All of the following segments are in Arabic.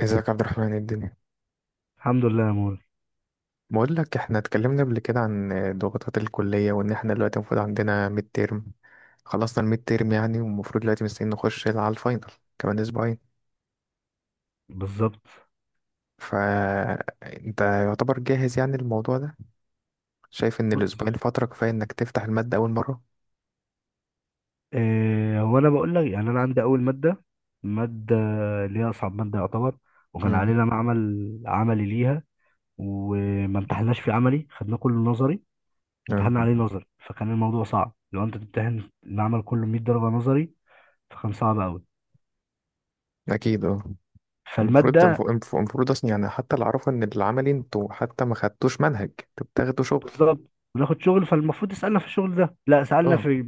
ازيك يا عبد الرحمن، ايه الدنيا؟ الحمد لله يا مول. بقول لك، احنا اتكلمنا قبل كده عن ضغوطات الكلية وان احنا دلوقتي المفروض عندنا ميد تيرم. خلصنا الميد تيرم يعني، والمفروض دلوقتي مستنيين نخش على الفاينل كمان اسبوعين. بالظبط. فانت يعتبر جاهز يعني الموضوع ده؟ شايف ان بص. الاسبوعين فترة كفاية انك تفتح المادة اول مرة؟ إيه هو انا بقول لك، يعني انا عندي اول ماده، ماده اللي هي اصعب ماده يعتبر. وكان امم. علينا معمل عملي ليها، وما امتحناش فيه عملي، خدنا كله نظري. اه. امتحنا عليه نظري، فكان الموضوع صعب. لو انت تمتحن المعمل كله 100 درجه نظري فكان صعب قوي. اكيد اه. المفروض فالماده المفروض المفروض اصلا، يعني حتى اللي اعرفه ان العملي انتوا حتى ما خدتوش منهج، انتوا بتاخدوا شغل. بالظبط بناخد شغل، فالمفروض يسألنا في الشغل ده، لا سألنا اه، في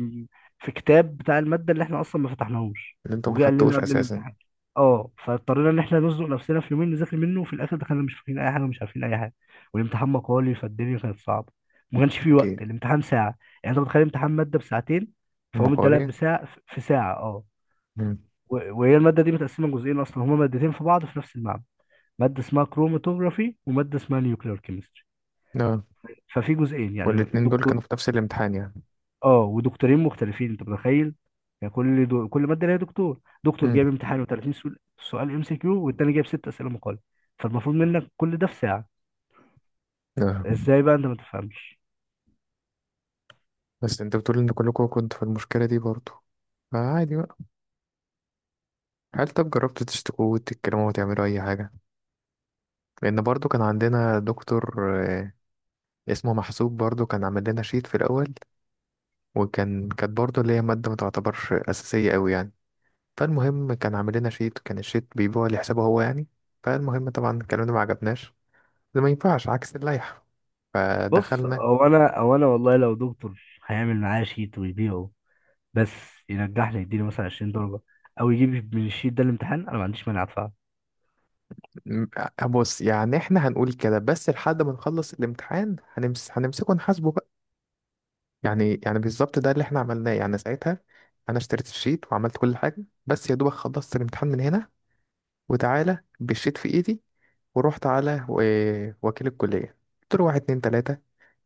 كتاب بتاع المادة اللي احنا أصلا ما فتحناهوش. اللي انتوا ما وجه قال لنا خدتوش قبل اساسا. الامتحان. اه فاضطرينا ان احنا نزنق نفسنا في يومين نذاكر منه، وفي الاخر دخلنا مش فاهمين اي حاجه ومش عارفين اي حاجه. والامتحان مقالي، فالدنيا كانت صعبه. ما كانش فيه اكيد. وقت، الامتحان ساعه. يعني انت متخيل امتحان ماده بساعتين فهو مديلك المقالي. بساعه في ساعه؟ اه. امم. وهي الماده دي متقسمه جزئين، اصلا هما مادتين في بعض في نفس المعمل. ماده اسمها كروماتوجرافي وماده اسمها نيوكلير كيمستري، ففي جزئين يعني. والاتنين دول الدكتور، كانوا في نفس الامتحان يعني؟ اه ودكتورين مختلفين، انت متخيل؟ يعني كل ماده ليها دكتور. دكتور امم. جايب امتحان و30 سؤال، سؤال ام سي كيو، والتاني جايب ست اسئله مقاله، فالمفروض منك كل ده في ساعه. آه. ازاي بقى انت ما تفهمش؟ بس انت بتقول ان كلكم كنتوا في المشكلة دي برضو، فعادي بقى. هل طب جربتوا تشتكوا وتتكلموا وتعملوا اي حاجة؟ لان برضو كان عندنا دكتور، آه، اسمه محسوب، برضو كان عامل لنا شيت في الاول. وكان كانت برضو اللي هي مادة ما تعتبرش اساسية قوي يعني. فالمهم كان عامل لنا شيت، كان الشيت بيبيعه لحسابه هو يعني. فالمهم طبعا الكلام ده ما عجبناش، ده ما ينفعش، عكس اللائحة. بص، فدخلنا، او انا والله لو دكتور هيعمل معايا شيت ويبيعه، بس ينجحني، يديني مثلا 20 درجه، او يجيب من الشيت ده الامتحان، انا ما عنديش مانع ادفع. م- آه، بص، يعني احنا هنقول كده بس لحد ما نخلص الامتحان هنمسكه نحاسبه بقى. يعني بالظبط ده اللي احنا عملناه يعني ساعتها. انا اشتريت الشيت وعملت كل حاجه، بس يا دوبك خلصت الامتحان من هنا وتعالى بالشيت في ايدي، ورحت على وكيل الكليه. قلت له واحد اتنين تلاته،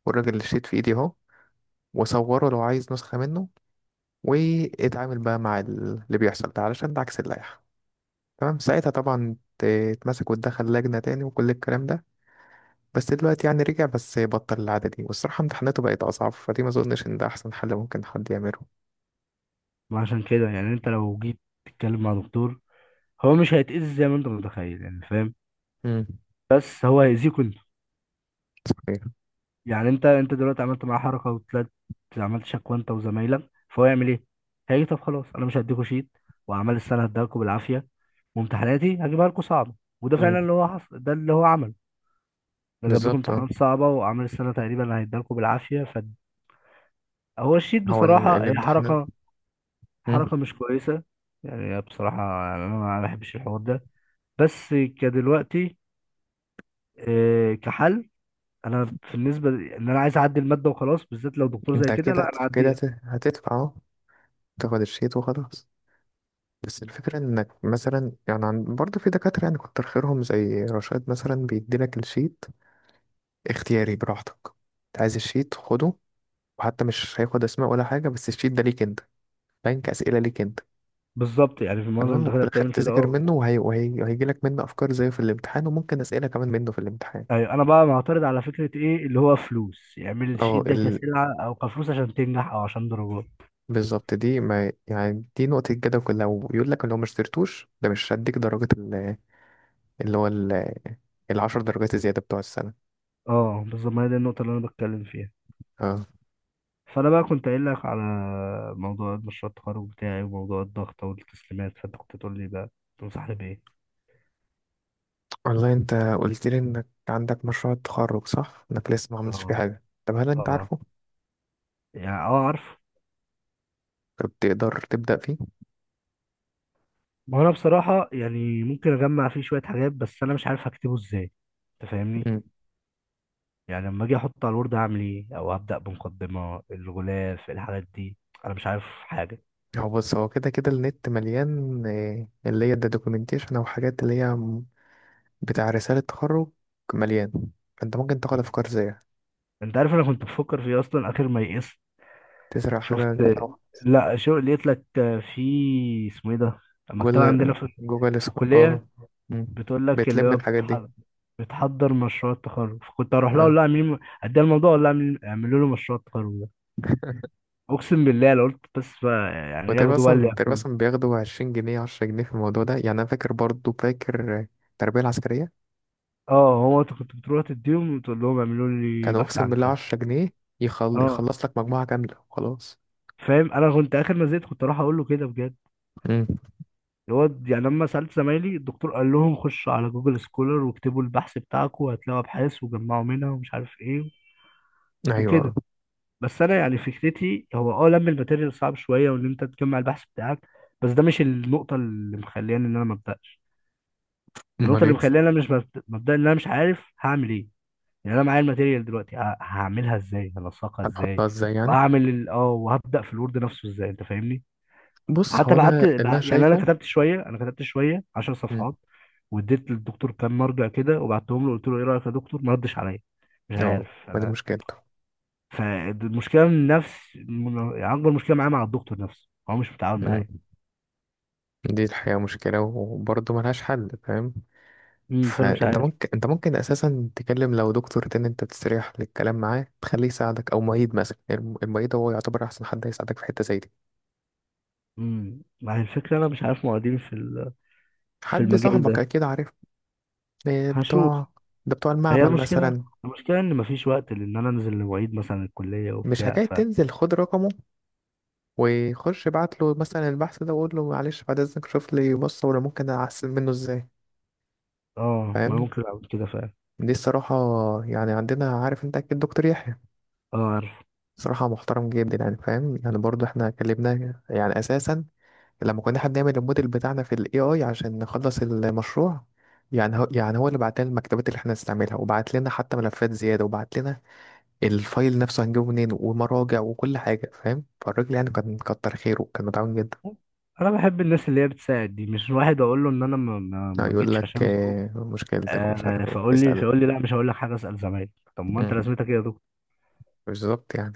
والراجل الشيت في ايدي اهو، وصوره لو عايز نسخه منه. واتعامل بقى مع اللي بيحصل ده علشان ده عكس اللائحه. تمام ساعتها طبعا اتمسك واتدخل لجنه تاني وكل الكلام ده. بس دلوقتي يعني رجع، بس بطل العادة دي، والصراحة امتحاناته بقت أصعب، فدي ما أظنش إن ده أحسن حل ممكن حد يعمله. ما عشان كده، يعني انت لو جيت تتكلم مع دكتور هو مش هيتأذي زي ما انت متخيل، يعني فاهم، امم. بس هو هيأذيك انت. صحيح. يعني انت دلوقتي عملت معاه حركه وطلعت، عملت شكوى انت وزمايلك، فهو يعمل ايه؟ هيجي طب خلاص انا مش هديكوا شيت، واعمال السنه هديها لكم بالعافيه، وامتحاناتي هجيبها لكم صعبه. وده فعلا امم. اللي هو حصل، ده اللي هو عمل. ده جاب لكم بالظبط اه. امتحانات صعبه، واعمال السنه تقريبا هيديها لكم بالعافيه. فهو الشيت هو بصراحه هي الامتحان. حركه، مم. حركه مش كويسه. يعني هي بصراحه، يعني انا ما بحبش الحوار ده، بس كدلوقتي، اه، كحل، انا بالنسبه ان انا عايز اعدي الماده وخلاص، بالذات لو دكتور زي أنت كده لا، كده انا كده اعديها. هتدفع أهو، تاخد الشيت وخلاص. بس الفكرة إنك مثلا يعني برضه في دكاترة يعني كتر خيرهم زي رشاد مثلا بيديلك الشيت اختياري براحتك. أنت عايز الشيت خده، وحتى مش هياخد أسماء ولا حاجة، بس الشيت ده ليك أنت، بنك أسئلة ليك أنت. بالظبط، يعني في المنظمه تمام، وفي المتحده الاخر بتعمل كده، تذاكر اه. منه وهيجي لك منه افكار زيه في الامتحان، وممكن اسئله كمان منه في الامتحان. ايوه، انا بقى معترض على فكره ايه اللي هو فلوس يعمل اه الشيت ده كسلعه او كفلوس عشان تنجح او عشان درجات. بالظبط، دي ما يعني دي نقطه الجدل كلها، ويقول لك لو ما اشتريتوش ده مش هديك درجه اللي هو ال10 درجات الزياده بتوع السنه. اه بالظبط، ما هي دي النقطه اللي انا بتكلم فيها. اه. فانا بقى كنت قايل لك على موضوع مشروع التخرج بتاعي، وموضوع الضغط والتسليمات، فانت كنت تقول لي بقى تنصحني بايه؟ والله انت قلت لي انك عندك مشروع التخرج، صح انك لسه ما عملتش اه. فيه حاجه؟ طب هل انت اه. عارفه؟ يعني اه عارف. طب تقدر تبدا فيه؟ ما هو انا بصراحه يعني ممكن اجمع فيه شويه حاجات، بس انا مش عارف هكتبه ازاي، انت فاهمني؟ مم. يعني لما اجي احط على الوورد اعمل ايه، او ابدا بمقدمه الغلاف الحاجات دي، انا مش عارف حاجه. هو بص، هو كده كده النت مليان، آه، اللي هي الدوكيومنتيشن او حاجات اللي هي بتاع رسالة تخرج. مليان. انت ممكن تاخد مم. افكار زيها. انت عارف انا كنت بفكر في ايه اصلا اخر ما يئست؟ تسرق شفت، حاجة او لا شو لقيت لك، في اسمه ايه ده، المكتبه عندنا جوجل. في اه. الكليه، مم. بتقول لك اللي بتلم هو الحاجات دي. بتحضر مشروع التخرج، فكنت اروح لها اقول اه. لها اعملي، اديها الموضوع اقول لها اعملوا له مشروع التخرج ده. اقسم بالله لو قلت، بس بقى يعني وتقريبا ياخدوا بقى اللي اصلا تقريبا ياخدوه. اصلا بياخدوا 20 جنيه، 10 جنيه في الموضوع ده، يعني انا فاكر برضو فاكر التربية العسكرية. اه، هو انت كنت بتروح تديهم وتقول لهم اعملوا لي كانوا بحث اقسم عن بالله كذا. 10 جنيه اه يخلص لك مجموعة كاملة وخلاص. فاهم، انا كنت اخر ما زهقت كنت اروح اقول له كده بجد. مم. اللي هو يعني لما سالت زمايلي الدكتور قال لهم خشوا على جوجل سكولر واكتبوا البحث بتاعكم هتلاقوا ابحاث، وجمعوا منها ومش عارف ايه ايوه. وكده. بس انا يعني فكرتي هو اه لم الماتيريال صعب شويه، وان انت تجمع البحث بتاعك. بس ده مش النقطه اللي مخلياني ان انا ما ابداش. النقطه امال اللي ايه؟ مخلياني انا مش مبدا، مبدأ ان انا مش عارف هعمل ايه. يعني انا معايا الماتيريال دلوقتي، هعملها ازاي، هلصقها ازاي، هتحطها ازاي يعني؟ واعمل وهبدا في الوورد نفسه ازاي؟ انت فاهمني؟ بص حتى هو انا بعت اللي انا يعني انا شايفه. كتبت شويه، 10 مم. صفحات واديت للدكتور كام مرجع كده وبعتهم له، قلت له ايه رايك يا دكتور، ما ردش عليا، مش اه، عارف ما دي انا. مشكلته. فالمشكله من نفس يعني اكبر مشكله معايا مع الدكتور نفسه هو مش متعاون معايا. دي الحقيقة مشكلة وبرضه ملهاش حل، فاهم. فانا مش فانت عارف. ممكن انت ممكن اساسا تكلم لو دكتور تاني انت تستريح للكلام معاه، تخليه يساعدك، او معيد مثلا. المعيد هو يعتبر احسن حد هيساعدك في حتة زي دي. ما هي الفكره، انا مش عارف معيدين في في حد المجال صاحبك ده. اكيد عارف. إيه هشوف. بتوع؟ ده بتوع هي المعمل المشكله، مثلا. المشكله ان مفيش وقت، لان انا انزل لمعيد مثلا الكليه مش وبتاع، حكاية، ف تنزل خد رقمه وخش ابعت له مثلا البحث ده وقول له معلش بعد اذنك شوف لي، بص ولا ممكن احسن منه ازاي. اه ما فاهم. ممكن اعمل كده فعلا. دي الصراحة. يعني عندنا، عارف انت اكيد دكتور يحيى، اه، صراحة محترم جدا يعني، فاهم يعني. برضو احنا اتكلمنا يعني اساسا لما كنا احنا بنعمل الموديل بتاعنا في الAI عشان نخلص المشروع. يعني هو اللي بعت لنا المكتبات اللي احنا هنستعملها، وبعت لنا حتى ملفات زيادة، وبعت لنا الفايل نفسه هنجيبه منين، ومراجع وكل حاجة، فاهم. فالراجل يعني كان كتر خيره وكان متعاون جدا. انا بحب الناس اللي هي بتساعد دي، مش واحد اقول له ان انا ما يعني يقول جيتش لك عشان ظروف. آه، مشكلتك ومش عارف ايه، فاقول لي اسأل. فاقول لي لا مش هقول لك حاجه، اسال زمايلك. طب ما انت مم. رسمتك ايه يا دكتور؟ بالظبط يعني.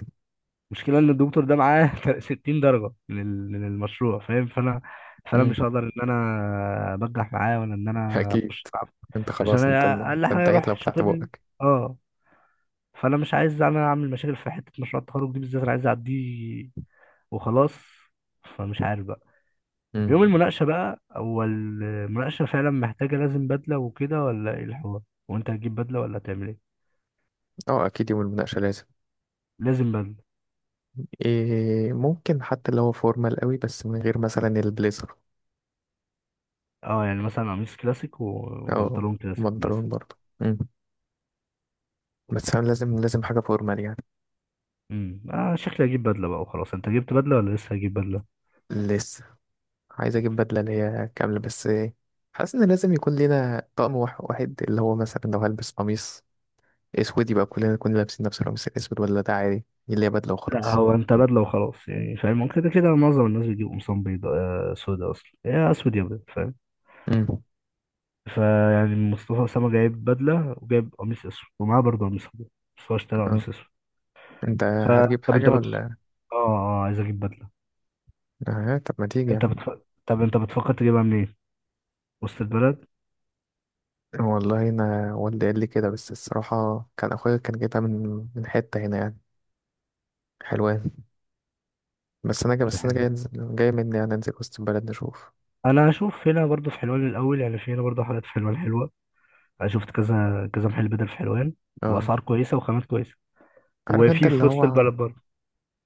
المشكله ان الدكتور ده معاه 60 درجه من من المشروع، فاهم؟ فانا مم. مش هقدر ان انا بجح معاه ولا ان انا اكيد. اخش معاه، انت عشان خلاص انت أنا انت اقل حاجه انتهيت لو يروح فتحت شاطب لي. بقك. اه. فانا مش عايز اعمل مشاكل في حته مشروع التخرج دي بالذات، انا عايز اعديه وخلاص. فمش عارف بقى. مم. يوم المناقشة بقى، هو المناقشة فعلا محتاجة لازم بدلة وكده ولا ايه الحوار؟ وانت هتجيب بدلة ولا هتعمل ايه؟ اه اكيد يوم المناقشة لازم. لازم بدلة. إيه ممكن حتى لو هو فورمال قوي، بس من غير مثلا البليزر. اه، يعني مثلا قميص كلاسيك او وبنطلون كلاسيك مثلا. مضرون برضه. مم. بس انا لازم لازم حاجه فورمال يعني. اه شكلي هجيب بدلة بقى وخلاص. انت جبت بدلة ولا لسه هجيب بدلة؟ لسه. عايز اجيب بدله اللي هي كامله، بس إيه، حاسس ان لازم يكون لينا طقم واحد، اللي هو مثلا لو هلبس قميص اسود يبقى كلنا نكون لابسين نفس القميص الاسود، ولا ده عادي اللي هي بدله لا، وخلاص. هو انت بدلة وخلاص، يعني فاهم، كده كده معظم الناس بتجيب قمصان بيضاء، سودا، اصلا يا اسود يا ابيض، فاهم. مم. فيعني مصطفى اسامة جايب بدلة وجايب قميص اسود ومعاه برضه قميص ابيض، بس هو اشترى اه. قميص اسود. انت هتجيب فطب حاجه انت بت... ولا؟ اه اه عايز اجيب بدلة. اه، طب ما تيجي انت يعني. بتف... طب انت بتفكر تجيبها منين، وسط البلد؟ والله انا والدي قال لي كده، بس الصراحه كان اخويا كان جايبها من حته هنا يعني حلوة. بس انا جاي بس انا جاي الحلو، انزل جاي مني يعني انزل وسط البلد نشوف. انا هشوف هنا برضو في حلوان الاول، يعني في هنا برضو حاجات في حلوان حلوه. انا شفت كذا كذا محل بدل في حلوان، اه، واسعار كويسه وخامات كويسه. عارف انت وفي اللي وسط هو، البلد برضو،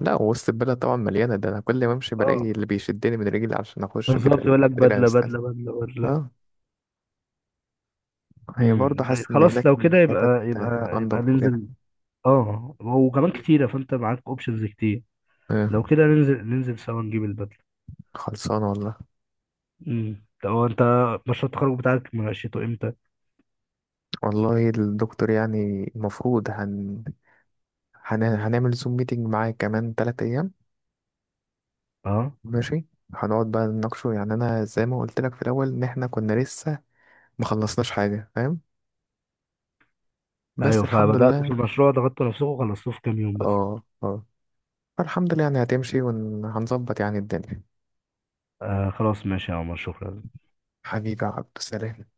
لا وسط البلد طبعا مليانه. ده انا كل ما امشي اه. بلاقي اللي بيشدني من رجلي عشان اخش بالظبط، بدل. يقول لك بدل بدله الاستاذ. بدله بدله بدله. اه، هي برضه حاسس ان خلاص هناك لو كده الحتت يبقى انضف وكده. ننزل. اه وكمان مم. كتيره، فانت معاك اوبشنز كتير. اه، لو كده ننزل، سوا نجيب البدله. خلصانه والله. طب هو انت مشروع التخرج بتاعك مناقشته امتى؟ والله الدكتور يعني المفروض هنعمل زوم ميتنج معاه كمان 3 ايام. اه. ماشي. هنقعد بقى نناقشه، يعني انا زي ما قلت لك في الاول، ان احنا كنا لسه ما خلصناش حاجه، فاهم. بس ايوه، الحمد فبدات في لله. المشروع ضغطت نفسكم وخلصتوه في كام يوم بس. اه اه. الحمد لله يعني، هتمشي وهنظبط يعني الدنيا. آه خلاص، ماشي يا عمر، شكرا. حبيبي يا عبد السلام.